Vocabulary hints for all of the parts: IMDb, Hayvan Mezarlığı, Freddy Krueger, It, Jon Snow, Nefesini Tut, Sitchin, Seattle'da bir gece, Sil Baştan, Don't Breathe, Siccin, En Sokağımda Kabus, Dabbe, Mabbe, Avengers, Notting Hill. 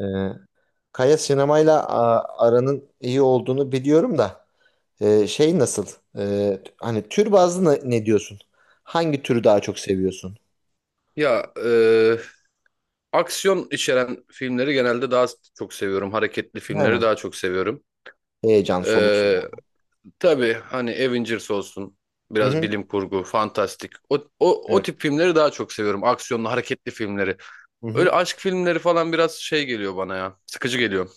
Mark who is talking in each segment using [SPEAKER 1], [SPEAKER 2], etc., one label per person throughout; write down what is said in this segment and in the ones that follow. [SPEAKER 1] Ee, Kaya sinemayla aranın iyi olduğunu biliyorum da şey nasıl? E, Hani tür bazlı ne diyorsun? Hangi türü daha çok seviyorsun?
[SPEAKER 2] Ya aksiyon içeren filmleri genelde daha çok seviyorum. Hareketli filmleri
[SPEAKER 1] Ha,
[SPEAKER 2] daha çok seviyorum.
[SPEAKER 1] heyecan,
[SPEAKER 2] E,
[SPEAKER 1] soluk soluğa.
[SPEAKER 2] tabii hani Avengers olsun,
[SPEAKER 1] Hı
[SPEAKER 2] biraz
[SPEAKER 1] hı.
[SPEAKER 2] bilim kurgu, fantastik. O
[SPEAKER 1] Evet.
[SPEAKER 2] tip filmleri daha çok seviyorum. Aksiyonlu, hareketli filmleri.
[SPEAKER 1] Hı hı.
[SPEAKER 2] Öyle aşk filmleri falan biraz şey geliyor bana ya. Sıkıcı geliyor.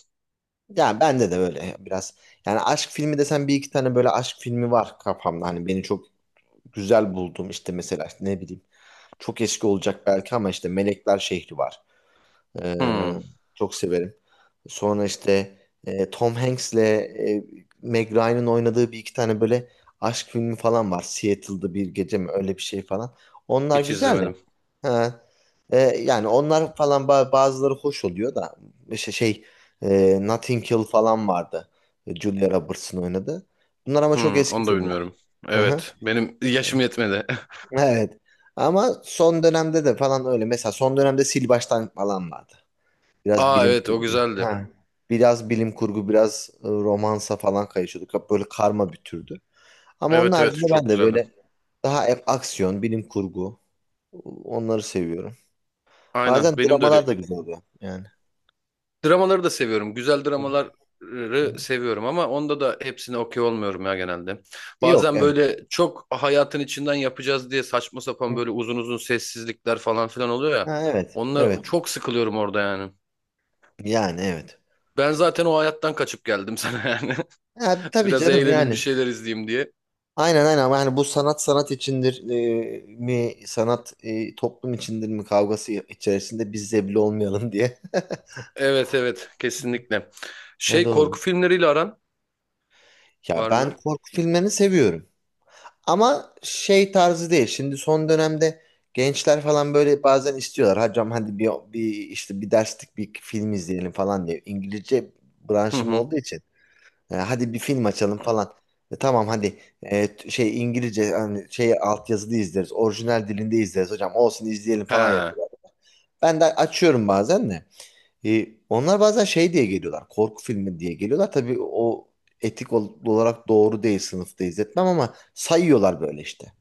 [SPEAKER 1] Ya bende de böyle biraz. Yani aşk filmi desen bir iki tane böyle aşk filmi var kafamda. Hani beni çok güzel buldum işte mesela işte ne bileyim. Çok eski olacak belki ama işte Melekler Şehri var. Ee,
[SPEAKER 2] Hmm,
[SPEAKER 1] çok severim. Sonra işte Tom Hanks'le Meg Ryan'ın oynadığı bir iki tane böyle aşk filmi falan var. Seattle'da bir gece mi öyle bir şey falan. Onlar
[SPEAKER 2] hiç
[SPEAKER 1] güzel de.
[SPEAKER 2] izlemedim.
[SPEAKER 1] Ha. Yani onlar falan bazıları hoş oluyor da işte şey Notting Hill falan vardı. Julia Roberts'ın oynadığı. Bunlar ama çok
[SPEAKER 2] Hmm,
[SPEAKER 1] eski
[SPEAKER 2] onu da
[SPEAKER 1] filmler.
[SPEAKER 2] bilmiyorum.
[SPEAKER 1] Hı hı.
[SPEAKER 2] Evet, benim yaşım yetmedi.
[SPEAKER 1] Evet. Ama son dönemde de falan öyle. Mesela son dönemde Sil Baştan falan vardı. Biraz
[SPEAKER 2] Aa
[SPEAKER 1] bilim
[SPEAKER 2] evet o
[SPEAKER 1] kurgu.
[SPEAKER 2] güzeldi.
[SPEAKER 1] Ha. Biraz bilim kurgu, biraz romansa falan kayışıyorduk. Hep böyle karma bir türdü. Ama onun
[SPEAKER 2] Evet evet
[SPEAKER 1] haricinde ben
[SPEAKER 2] çok
[SPEAKER 1] de
[SPEAKER 2] güzeldi.
[SPEAKER 1] böyle daha hep aksiyon, bilim kurgu onları seviyorum. Bazen
[SPEAKER 2] Aynen benim de
[SPEAKER 1] dramalar
[SPEAKER 2] öyle.
[SPEAKER 1] da güzel oluyor yani.
[SPEAKER 2] Dramaları da seviyorum. Güzel
[SPEAKER 1] Hı
[SPEAKER 2] dramaları
[SPEAKER 1] hı.
[SPEAKER 2] seviyorum ama onda da hepsine okey olmuyorum ya genelde.
[SPEAKER 1] Yok
[SPEAKER 2] Bazen
[SPEAKER 1] evet.
[SPEAKER 2] böyle çok hayatın içinden yapacağız diye saçma sapan
[SPEAKER 1] Hı.
[SPEAKER 2] böyle uzun uzun sessizlikler falan filan oluyor ya.
[SPEAKER 1] Ha, evet.
[SPEAKER 2] Onlar
[SPEAKER 1] Evet.
[SPEAKER 2] çok sıkılıyorum orada yani.
[SPEAKER 1] Yani evet.
[SPEAKER 2] Ben zaten o hayattan kaçıp geldim sana yani.
[SPEAKER 1] Ha, tabii
[SPEAKER 2] Biraz
[SPEAKER 1] canım
[SPEAKER 2] eğlenin bir
[SPEAKER 1] yani.
[SPEAKER 2] şeyler izleyeyim diye.
[SPEAKER 1] Aynen aynen, ama hani bu sanat sanat içindir mi, sanat toplum içindir mi kavgası içerisinde biz zebli olmayalım diye.
[SPEAKER 2] Evet evet kesinlikle.
[SPEAKER 1] Ya
[SPEAKER 2] Şey
[SPEAKER 1] doğru.
[SPEAKER 2] korku filmleriyle aran
[SPEAKER 1] Ya
[SPEAKER 2] var
[SPEAKER 1] ben
[SPEAKER 2] mı?
[SPEAKER 1] korku filmlerini seviyorum. Ama şey tarzı değil. Şimdi son dönemde gençler falan böyle bazen istiyorlar. Hocam hadi bir işte bir derslik bir film izleyelim falan diye. İngilizce
[SPEAKER 2] Hı
[SPEAKER 1] branşım
[SPEAKER 2] hı.
[SPEAKER 1] olduğu için. Hadi bir film açalım falan. Tamam hadi şey İngilizce hani şey altyazılı izleriz. Orijinal dilinde izleriz hocam. Olsun izleyelim falan
[SPEAKER 2] He.
[SPEAKER 1] yapıyorlar. Ben de açıyorum bazen de. Onlar bazen şey diye geliyorlar. Korku filmi diye geliyorlar. Tabii o etik olarak doğru değil, sınıfta izletmem ama sayıyorlar böyle işte.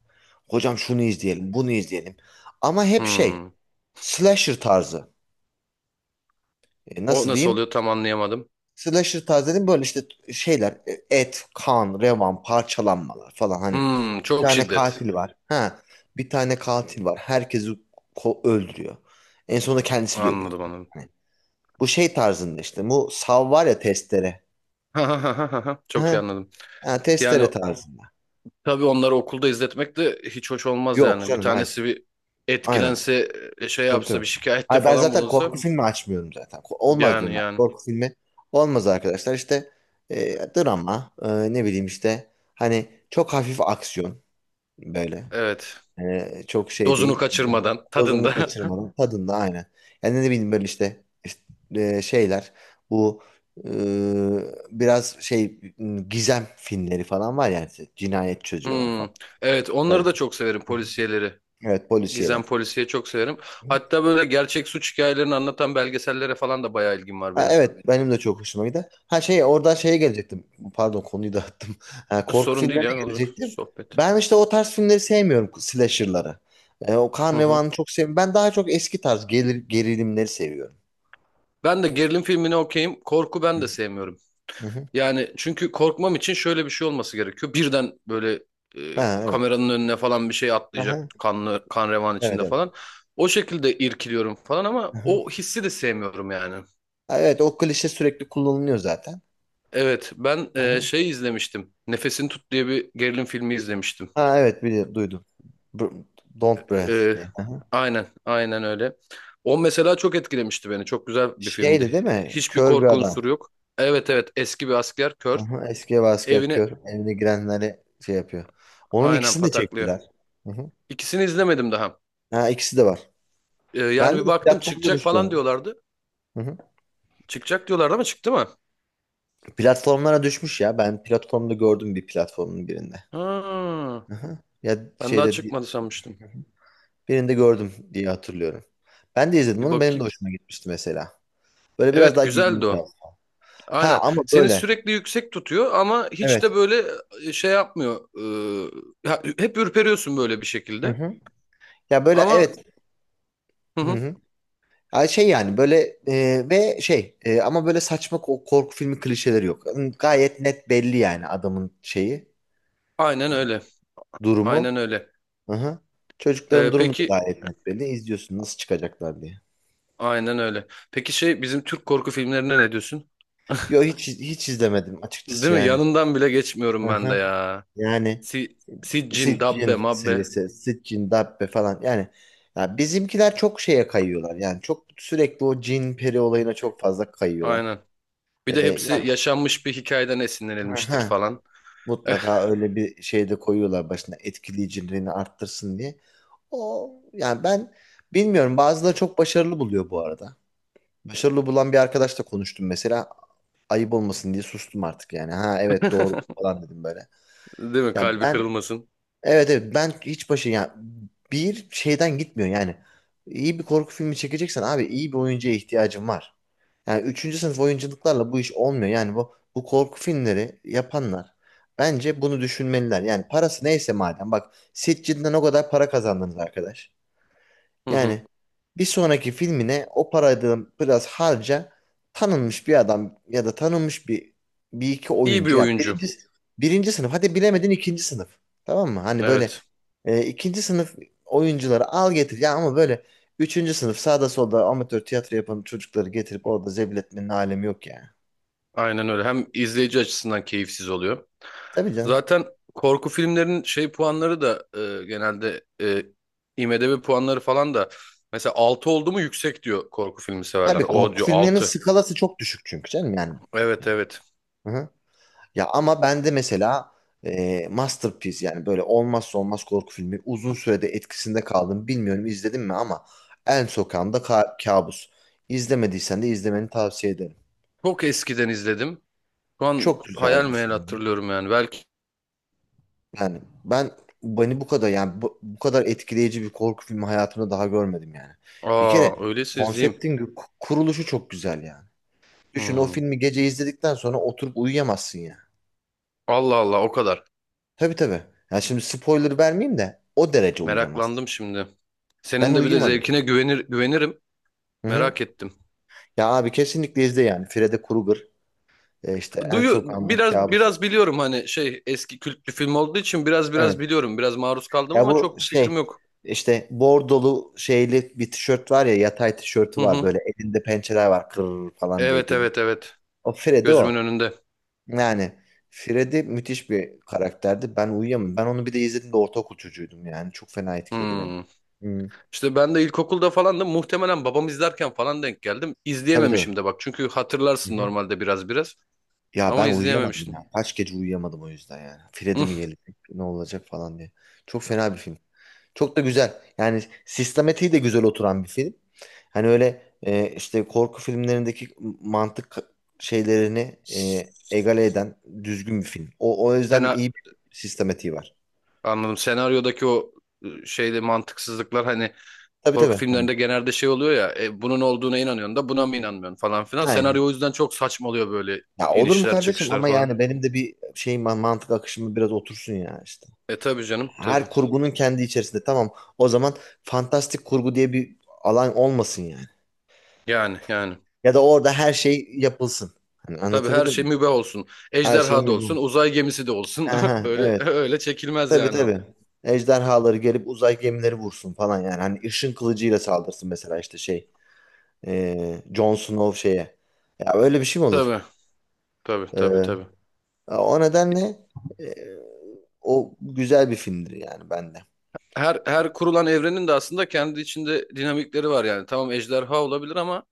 [SPEAKER 1] Hocam şunu izleyelim, bunu izleyelim. Ama hep şey
[SPEAKER 2] Hmm.
[SPEAKER 1] slasher tarzı.
[SPEAKER 2] O
[SPEAKER 1] Nasıl
[SPEAKER 2] nasıl
[SPEAKER 1] diyeyim?
[SPEAKER 2] oluyor tam anlayamadım.
[SPEAKER 1] Slasher tarzı dedim böyle işte şeyler et, kan, revan, parçalanmalar falan hani.
[SPEAKER 2] Hmm,
[SPEAKER 1] Bir
[SPEAKER 2] çok
[SPEAKER 1] tane
[SPEAKER 2] şiddet.
[SPEAKER 1] katil var. Ha, bir tane katil var. Herkesi öldürüyor. En sonunda kendisi de ölüyor.
[SPEAKER 2] Anladım anladım.
[SPEAKER 1] Hani bu şey tarzında işte. Bu sav var ya, testere.
[SPEAKER 2] Ha ha ha ha ha. Çok iyi anladım.
[SPEAKER 1] Ha,
[SPEAKER 2] Yani
[SPEAKER 1] testere tarzında.
[SPEAKER 2] tabii onları okulda izletmek de hiç hoş olmaz
[SPEAKER 1] Yok
[SPEAKER 2] yani. Bir
[SPEAKER 1] canım hayır.
[SPEAKER 2] tanesi bir
[SPEAKER 1] Aynen.
[SPEAKER 2] etkilense, şey
[SPEAKER 1] Tabii
[SPEAKER 2] yapsa,
[SPEAKER 1] tabii.
[SPEAKER 2] bir şikayette
[SPEAKER 1] Hayır ben
[SPEAKER 2] falan
[SPEAKER 1] zaten
[SPEAKER 2] bulunsa.
[SPEAKER 1] korku filmi açmıyorum zaten. Olmaz
[SPEAKER 2] Yani
[SPEAKER 1] diyorum ben.
[SPEAKER 2] yani.
[SPEAKER 1] Korku filmi olmaz arkadaşlar. İşte drama, ne bileyim işte hani çok hafif aksiyon böyle.
[SPEAKER 2] Evet.
[SPEAKER 1] Çok şey
[SPEAKER 2] Dozunu
[SPEAKER 1] değil.
[SPEAKER 2] kaçırmadan,
[SPEAKER 1] Dozunu
[SPEAKER 2] tadında.
[SPEAKER 1] kaçırmadan tadında, aynen. Yani ne bileyim böyle işte, şeyler bu e, biraz şey gizem filmleri falan var yani, cinayet çözüyorlar
[SPEAKER 2] Hmm.
[SPEAKER 1] falan.
[SPEAKER 2] Evet, onları
[SPEAKER 1] Böyle.
[SPEAKER 2] da çok severim
[SPEAKER 1] Hı hı.
[SPEAKER 2] polisiyeleri.
[SPEAKER 1] Evet,
[SPEAKER 2] Gizem
[SPEAKER 1] polisiyeler.
[SPEAKER 2] polisiye çok severim. Hatta böyle gerçek suç hikayelerini anlatan belgesellere falan da bayağı ilgim var
[SPEAKER 1] Ha,
[SPEAKER 2] benim.
[SPEAKER 1] evet benim de çok hoşuma gider. Ha şey, oradan şeye gelecektim. Pardon, konuyu dağıttım. Ha, korku
[SPEAKER 2] Sorun değil
[SPEAKER 1] filmlerine
[SPEAKER 2] yani olacak
[SPEAKER 1] gelecektim.
[SPEAKER 2] sohbet.
[SPEAKER 1] Ben işte o tarz filmleri sevmiyorum, slasher'ları. O
[SPEAKER 2] Hı hı.
[SPEAKER 1] Karnevan'ı çok sevmiyorum. Ben daha çok eski tarz gelir, gerilimleri seviyorum.
[SPEAKER 2] Ben de gerilim filmini okeyim. Korku ben de sevmiyorum.
[SPEAKER 1] Hı hı.
[SPEAKER 2] Yani çünkü korkmam için şöyle bir şey olması gerekiyor. Birden böyle
[SPEAKER 1] Ha, evet.
[SPEAKER 2] kameranın önüne falan bir şey atlayacak
[SPEAKER 1] Aha,
[SPEAKER 2] kanlı kan revan
[SPEAKER 1] evet
[SPEAKER 2] içinde
[SPEAKER 1] evet.
[SPEAKER 2] falan. O şekilde irkiliyorum falan ama
[SPEAKER 1] Aha.
[SPEAKER 2] o hissi de sevmiyorum yani.
[SPEAKER 1] Ha, evet o klişe sürekli kullanılıyor zaten.
[SPEAKER 2] Evet ben
[SPEAKER 1] Aha.
[SPEAKER 2] şey izlemiştim. Nefesini Tut diye bir gerilim filmi izlemiştim.
[SPEAKER 1] Ha, evet bili duydum. Br- Don't Breathe
[SPEAKER 2] E,
[SPEAKER 1] diye.
[SPEAKER 2] aynen aynen öyle. O mesela çok etkilemişti beni. Çok güzel bir
[SPEAKER 1] Şeydi
[SPEAKER 2] filmdi.
[SPEAKER 1] değil mi?
[SPEAKER 2] Hiçbir
[SPEAKER 1] Kör bir
[SPEAKER 2] korku
[SPEAKER 1] adam.
[SPEAKER 2] unsuru yok. Evet evet eski bir asker kör.
[SPEAKER 1] Aha, eski ev asker
[SPEAKER 2] Evini
[SPEAKER 1] kör. Evine girenleri şey yapıyor. Onun
[SPEAKER 2] aynen
[SPEAKER 1] ikisini de
[SPEAKER 2] pataklıyor.
[SPEAKER 1] çektiler. Hı hı.
[SPEAKER 2] İkisini izlemedim daha.
[SPEAKER 1] Ha, ikisi de var.
[SPEAKER 2] Yani
[SPEAKER 1] Ben de
[SPEAKER 2] bir baktım
[SPEAKER 1] platformda
[SPEAKER 2] çıkacak
[SPEAKER 1] düştü
[SPEAKER 2] falan
[SPEAKER 1] onun.
[SPEAKER 2] diyorlardı.
[SPEAKER 1] Hı hı.
[SPEAKER 2] Çıkacak diyorlardı ama çıktı mı?
[SPEAKER 1] Platformlara düşmüş ya. Ben platformda gördüm, bir platformun birinde.
[SPEAKER 2] Ha,
[SPEAKER 1] Hı hı. Ya
[SPEAKER 2] ben daha
[SPEAKER 1] şeyde
[SPEAKER 2] çıkmadı sanmıştım.
[SPEAKER 1] birinde gördüm diye hatırlıyorum. Ben de izledim
[SPEAKER 2] Bir
[SPEAKER 1] onu. Benim de
[SPEAKER 2] bakayım.
[SPEAKER 1] hoşuma gitmişti mesela. Böyle biraz
[SPEAKER 2] Evet
[SPEAKER 1] daha gerilim
[SPEAKER 2] güzeldi
[SPEAKER 1] tarzı.
[SPEAKER 2] o.
[SPEAKER 1] Ha
[SPEAKER 2] Aynen.
[SPEAKER 1] ama
[SPEAKER 2] Seni
[SPEAKER 1] böyle.
[SPEAKER 2] sürekli yüksek tutuyor ama hiç de
[SPEAKER 1] Evet.
[SPEAKER 2] böyle şey yapmıyor. Ya, hep ürperiyorsun böyle bir
[SPEAKER 1] Hı
[SPEAKER 2] şekilde.
[SPEAKER 1] hı. Ya böyle
[SPEAKER 2] Ama
[SPEAKER 1] evet.
[SPEAKER 2] hı
[SPEAKER 1] Hı
[SPEAKER 2] hı,
[SPEAKER 1] hı. Ay şey yani böyle ve şey ama böyle saçma korku filmi klişeleri yok. Gayet net belli yani adamın şeyi,
[SPEAKER 2] aynen
[SPEAKER 1] e,
[SPEAKER 2] öyle. Aynen
[SPEAKER 1] durumu.
[SPEAKER 2] öyle.
[SPEAKER 1] Hı-hı. Çocukların durumu da
[SPEAKER 2] Peki
[SPEAKER 1] gayet net belli. İzliyorsun nasıl çıkacaklar diye.
[SPEAKER 2] aynen öyle. Peki şey bizim Türk korku filmlerine ne diyorsun?
[SPEAKER 1] Yo, hiç hiç izlemedim açıkçası
[SPEAKER 2] Değil mi?
[SPEAKER 1] yani.
[SPEAKER 2] Yanından bile geçmiyorum ben de
[SPEAKER 1] Hı-hı.
[SPEAKER 2] ya.
[SPEAKER 1] Yani
[SPEAKER 2] Siccin,
[SPEAKER 1] Sitchin
[SPEAKER 2] Dabbe, Mabbe.
[SPEAKER 1] serisi, Sitchin, Dabbe falan yani ya bizimkiler çok şeye kayıyorlar. Yani çok sürekli o cin peri olayına çok fazla kayıyorlar.
[SPEAKER 2] Aynen. Bir de
[SPEAKER 1] E,
[SPEAKER 2] hepsi yaşanmış bir hikayeden esinlenilmiştir
[SPEAKER 1] yani,
[SPEAKER 2] falan. Eh,
[SPEAKER 1] Mutlaka öyle bir şey de koyuyorlar başına etkileyiciliğini arttırsın diye. O yani ben bilmiyorum, bazıları çok başarılı buluyor bu arada. Başarılı bulan bir arkadaşla konuştum mesela, ayıp olmasın diye sustum artık yani. Ha evet doğrudur falan dedim böyle.
[SPEAKER 2] değil mi?
[SPEAKER 1] Ya
[SPEAKER 2] Kalbi
[SPEAKER 1] ben
[SPEAKER 2] kırılmasın.
[SPEAKER 1] Evet evet ben hiç başı yani bir şeyden gitmiyor yani. İyi bir korku filmi çekeceksen abi iyi bir oyuncuya ihtiyacın var. Yani üçüncü sınıf oyunculuklarla bu iş olmuyor. Yani bu korku filmleri yapanlar bence bunu düşünmeliler. Yani parası neyse madem, bak Sitges'den o kadar para kazandınız arkadaş.
[SPEAKER 2] Hı hı.
[SPEAKER 1] Yani bir sonraki filmine o parayı da biraz harca, tanınmış bir adam ya da tanınmış bir iki
[SPEAKER 2] İyi bir
[SPEAKER 1] oyuncu ya,
[SPEAKER 2] oyuncu.
[SPEAKER 1] birinci sınıf, hadi bilemedin ikinci sınıf, tamam mı? Hani böyle
[SPEAKER 2] Evet.
[SPEAKER 1] ikinci sınıf oyuncuları al getir ya, ama böyle üçüncü sınıf sağda solda amatör tiyatro yapan çocukları getirip orada zebil etmenin alemi yok ya.
[SPEAKER 2] Aynen öyle. Hem izleyici açısından keyifsiz oluyor.
[SPEAKER 1] Tabii canım.
[SPEAKER 2] Zaten korku filmlerinin şey puanları da genelde IMDb puanları falan da mesela 6 oldu mu yüksek diyor korku filmi
[SPEAKER 1] Tabii
[SPEAKER 2] severler. O
[SPEAKER 1] korku
[SPEAKER 2] diyor
[SPEAKER 1] filmlerinin
[SPEAKER 2] 6.
[SPEAKER 1] skalası çok düşük çünkü canım yani.
[SPEAKER 2] Evet evet.
[SPEAKER 1] Hı hı. Ya ama ben de mesela masterpiece yani böyle olmazsa olmaz korku filmi, uzun sürede etkisinde kaldım. Bilmiyorum izledim mi ama En Sokağımda Kabus. İzlemediysen de izlemeni tavsiye ederim.
[SPEAKER 2] Çok eskiden izledim. Şu an
[SPEAKER 1] Çok güzel
[SPEAKER 2] hayal
[SPEAKER 1] bir
[SPEAKER 2] meyal
[SPEAKER 1] filmdi.
[SPEAKER 2] hatırlıyorum yani. Belki
[SPEAKER 1] Yani ben Beni bu kadar yani bu kadar etkileyici bir korku filmi hayatımda daha görmedim yani. Bir kere
[SPEAKER 2] aa öyleyse izleyeyim.
[SPEAKER 1] konseptin kuruluşu çok güzel yani. Düşün, o
[SPEAKER 2] Hmm.
[SPEAKER 1] filmi gece izledikten sonra oturup uyuyamazsın ya.
[SPEAKER 2] Allah Allah o kadar.
[SPEAKER 1] Tabii tabii. Ya şimdi spoiler vermeyeyim de o derece uyuyamazsın.
[SPEAKER 2] Meraklandım şimdi.
[SPEAKER 1] Ben
[SPEAKER 2] Senin de bir de
[SPEAKER 1] uyuyamadım.
[SPEAKER 2] zevkine güvenir güvenirim.
[SPEAKER 1] Hı hı.
[SPEAKER 2] Merak ettim.
[SPEAKER 1] Ya abi kesinlikle izle yani. Freddy Krueger, işte En Sokağındaki
[SPEAKER 2] Biraz
[SPEAKER 1] Kabus.
[SPEAKER 2] biraz biliyorum hani şey eski kült bir film olduğu için biraz biraz
[SPEAKER 1] Evet.
[SPEAKER 2] biliyorum. Biraz maruz kaldım
[SPEAKER 1] Ya
[SPEAKER 2] ama
[SPEAKER 1] bu
[SPEAKER 2] çok bir fikrim
[SPEAKER 1] şey
[SPEAKER 2] yok.
[SPEAKER 1] işte bordolu şeyli bir tişört var ya, yatay tişörtü
[SPEAKER 2] Hı
[SPEAKER 1] var
[SPEAKER 2] hı.
[SPEAKER 1] böyle, elinde pençeler var kır falan diye
[SPEAKER 2] Evet
[SPEAKER 1] geliyor.
[SPEAKER 2] evet evet.
[SPEAKER 1] O Freddy
[SPEAKER 2] Gözümün
[SPEAKER 1] o.
[SPEAKER 2] önünde.
[SPEAKER 1] Yani Freddy müthiş bir karakterdi. Ben uyuyamam. Ben onu bir de izlediğimde ortaokul çocuğuydum yani. Çok fena etkiledi beni.
[SPEAKER 2] Hmm.
[SPEAKER 1] Hı.
[SPEAKER 2] İşte ben de ilkokulda falan da muhtemelen babam izlerken falan denk geldim.
[SPEAKER 1] Tabii tabii.
[SPEAKER 2] İzleyememişim de bak. Çünkü
[SPEAKER 1] Hı
[SPEAKER 2] hatırlarsın
[SPEAKER 1] hı.
[SPEAKER 2] normalde biraz biraz
[SPEAKER 1] Ya
[SPEAKER 2] ama
[SPEAKER 1] ben uyuyamadım
[SPEAKER 2] izleyememiştim.
[SPEAKER 1] ya. Kaç gece uyuyamadım o yüzden yani. Freddy mi
[SPEAKER 2] Hı.
[SPEAKER 1] gelecek? Ne olacak falan diye. Çok fena bir film. Çok da güzel. Yani sistematiği de güzel oturan bir film. Hani öyle işte korku filmlerindeki mantık şeylerini egale eden düzgün bir film. O yüzden
[SPEAKER 2] Sena
[SPEAKER 1] iyi bir sistematiği var.
[SPEAKER 2] anladım. Senaryodaki o şeyde mantıksızlıklar hani.
[SPEAKER 1] Tabii
[SPEAKER 2] Korku
[SPEAKER 1] tabii. Hani,
[SPEAKER 2] filmlerinde genelde şey oluyor ya bunun olduğuna inanıyorsun da buna mı inanmıyorsun falan filan.
[SPEAKER 1] aynen.
[SPEAKER 2] Senaryo o yüzden çok saçma oluyor böyle
[SPEAKER 1] Ya olur mu
[SPEAKER 2] inişler
[SPEAKER 1] kardeşim,
[SPEAKER 2] çıkışlar
[SPEAKER 1] ama
[SPEAKER 2] falan.
[SPEAKER 1] yani benim de bir şey mantık akışımı biraz otursun ya işte.
[SPEAKER 2] E tabii canım
[SPEAKER 1] Her
[SPEAKER 2] tabii.
[SPEAKER 1] kurgunun kendi içerisinde tamam. O zaman fantastik kurgu diye bir alan olmasın yani.
[SPEAKER 2] Yani yani.
[SPEAKER 1] Ya da orada her şey yapılsın. Hani
[SPEAKER 2] Tabii her
[SPEAKER 1] anlatabildim
[SPEAKER 2] şey
[SPEAKER 1] mi?
[SPEAKER 2] mübah olsun.
[SPEAKER 1] Her şey
[SPEAKER 2] Ejderha da
[SPEAKER 1] mi
[SPEAKER 2] olsun,
[SPEAKER 1] bu?
[SPEAKER 2] uzay gemisi de olsun.
[SPEAKER 1] Aha,
[SPEAKER 2] Öyle
[SPEAKER 1] evet.
[SPEAKER 2] öyle çekilmez
[SPEAKER 1] Tabii
[SPEAKER 2] yani o.
[SPEAKER 1] tabii. Ejderhaları gelip uzay gemileri vursun falan yani. Hani ışın kılıcıyla saldırsın mesela işte şey. Jon Snow şeye. Ya öyle bir şey mi olur?
[SPEAKER 2] Tabii tabii
[SPEAKER 1] E,
[SPEAKER 2] tabii tabii.
[SPEAKER 1] O nedenle e, o güzel bir filmdir yani bende.
[SPEAKER 2] Her her kurulan evrenin de aslında kendi içinde dinamikleri var yani. Tamam ejderha olabilir ama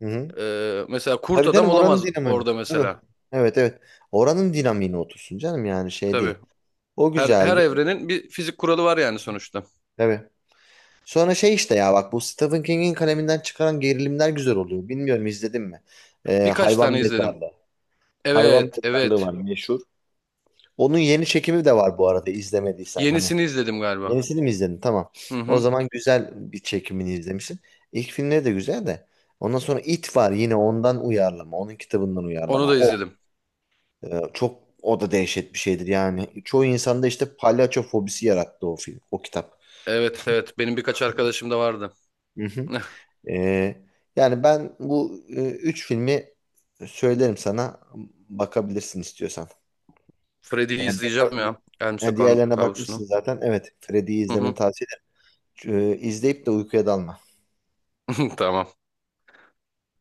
[SPEAKER 1] Hı hı.
[SPEAKER 2] mesela kurt
[SPEAKER 1] Tabii
[SPEAKER 2] adam
[SPEAKER 1] canım oranın
[SPEAKER 2] olamaz
[SPEAKER 1] dinamini.
[SPEAKER 2] orada
[SPEAKER 1] Tabii.
[SPEAKER 2] mesela.
[SPEAKER 1] Evet evet. Oranın dinamiğine otursun canım yani, şey
[SPEAKER 2] Tabii.
[SPEAKER 1] değil. O
[SPEAKER 2] Her her
[SPEAKER 1] güzeldi.
[SPEAKER 2] evrenin bir fizik kuralı var yani sonuçta.
[SPEAKER 1] Tabii. Sonra şey işte, ya bak bu Stephen King'in kaleminden çıkaran gerilimler güzel oluyor. Bilmiyorum izledin mi?
[SPEAKER 2] Birkaç
[SPEAKER 1] Hayvan
[SPEAKER 2] tane izledim.
[SPEAKER 1] Mezarlığı. Hayvan
[SPEAKER 2] Evet,
[SPEAKER 1] Mezarlığı
[SPEAKER 2] evet.
[SPEAKER 1] var meşhur. Onun yeni çekimi de var bu arada, izlemediysen. Hani
[SPEAKER 2] Yenisini izledim galiba.
[SPEAKER 1] yenisini mi izledin? Tamam.
[SPEAKER 2] Hı
[SPEAKER 1] O
[SPEAKER 2] hı.
[SPEAKER 1] zaman güzel bir çekimini izlemişsin. İlk filmleri de güzel de. Ondan sonra It var, yine ondan uyarlama. Onun kitabından
[SPEAKER 2] Onu
[SPEAKER 1] uyarlama.
[SPEAKER 2] da izledim.
[SPEAKER 1] Çok o da dehşet bir şeydir yani. Çoğu insanda işte palyaço fobisi yarattı o film, o kitap.
[SPEAKER 2] Evet, evet. Benim birkaç arkadaşım da vardı.
[SPEAKER 1] Hı hı. E, Yani ben bu üç filmi söylerim sana, bakabilirsin istiyorsan.
[SPEAKER 2] Freddy'yi
[SPEAKER 1] Yani bir,
[SPEAKER 2] izleyeceğim ya. Elm
[SPEAKER 1] Yani
[SPEAKER 2] Sokağın
[SPEAKER 1] diğerlerine
[SPEAKER 2] Kabusu'nu.
[SPEAKER 1] bakmışsın zaten. Evet, Freddy'yi
[SPEAKER 2] Hı
[SPEAKER 1] izlemeni
[SPEAKER 2] hı.
[SPEAKER 1] tavsiye ederim. İzleyip de uykuya dalma.
[SPEAKER 2] Tamam.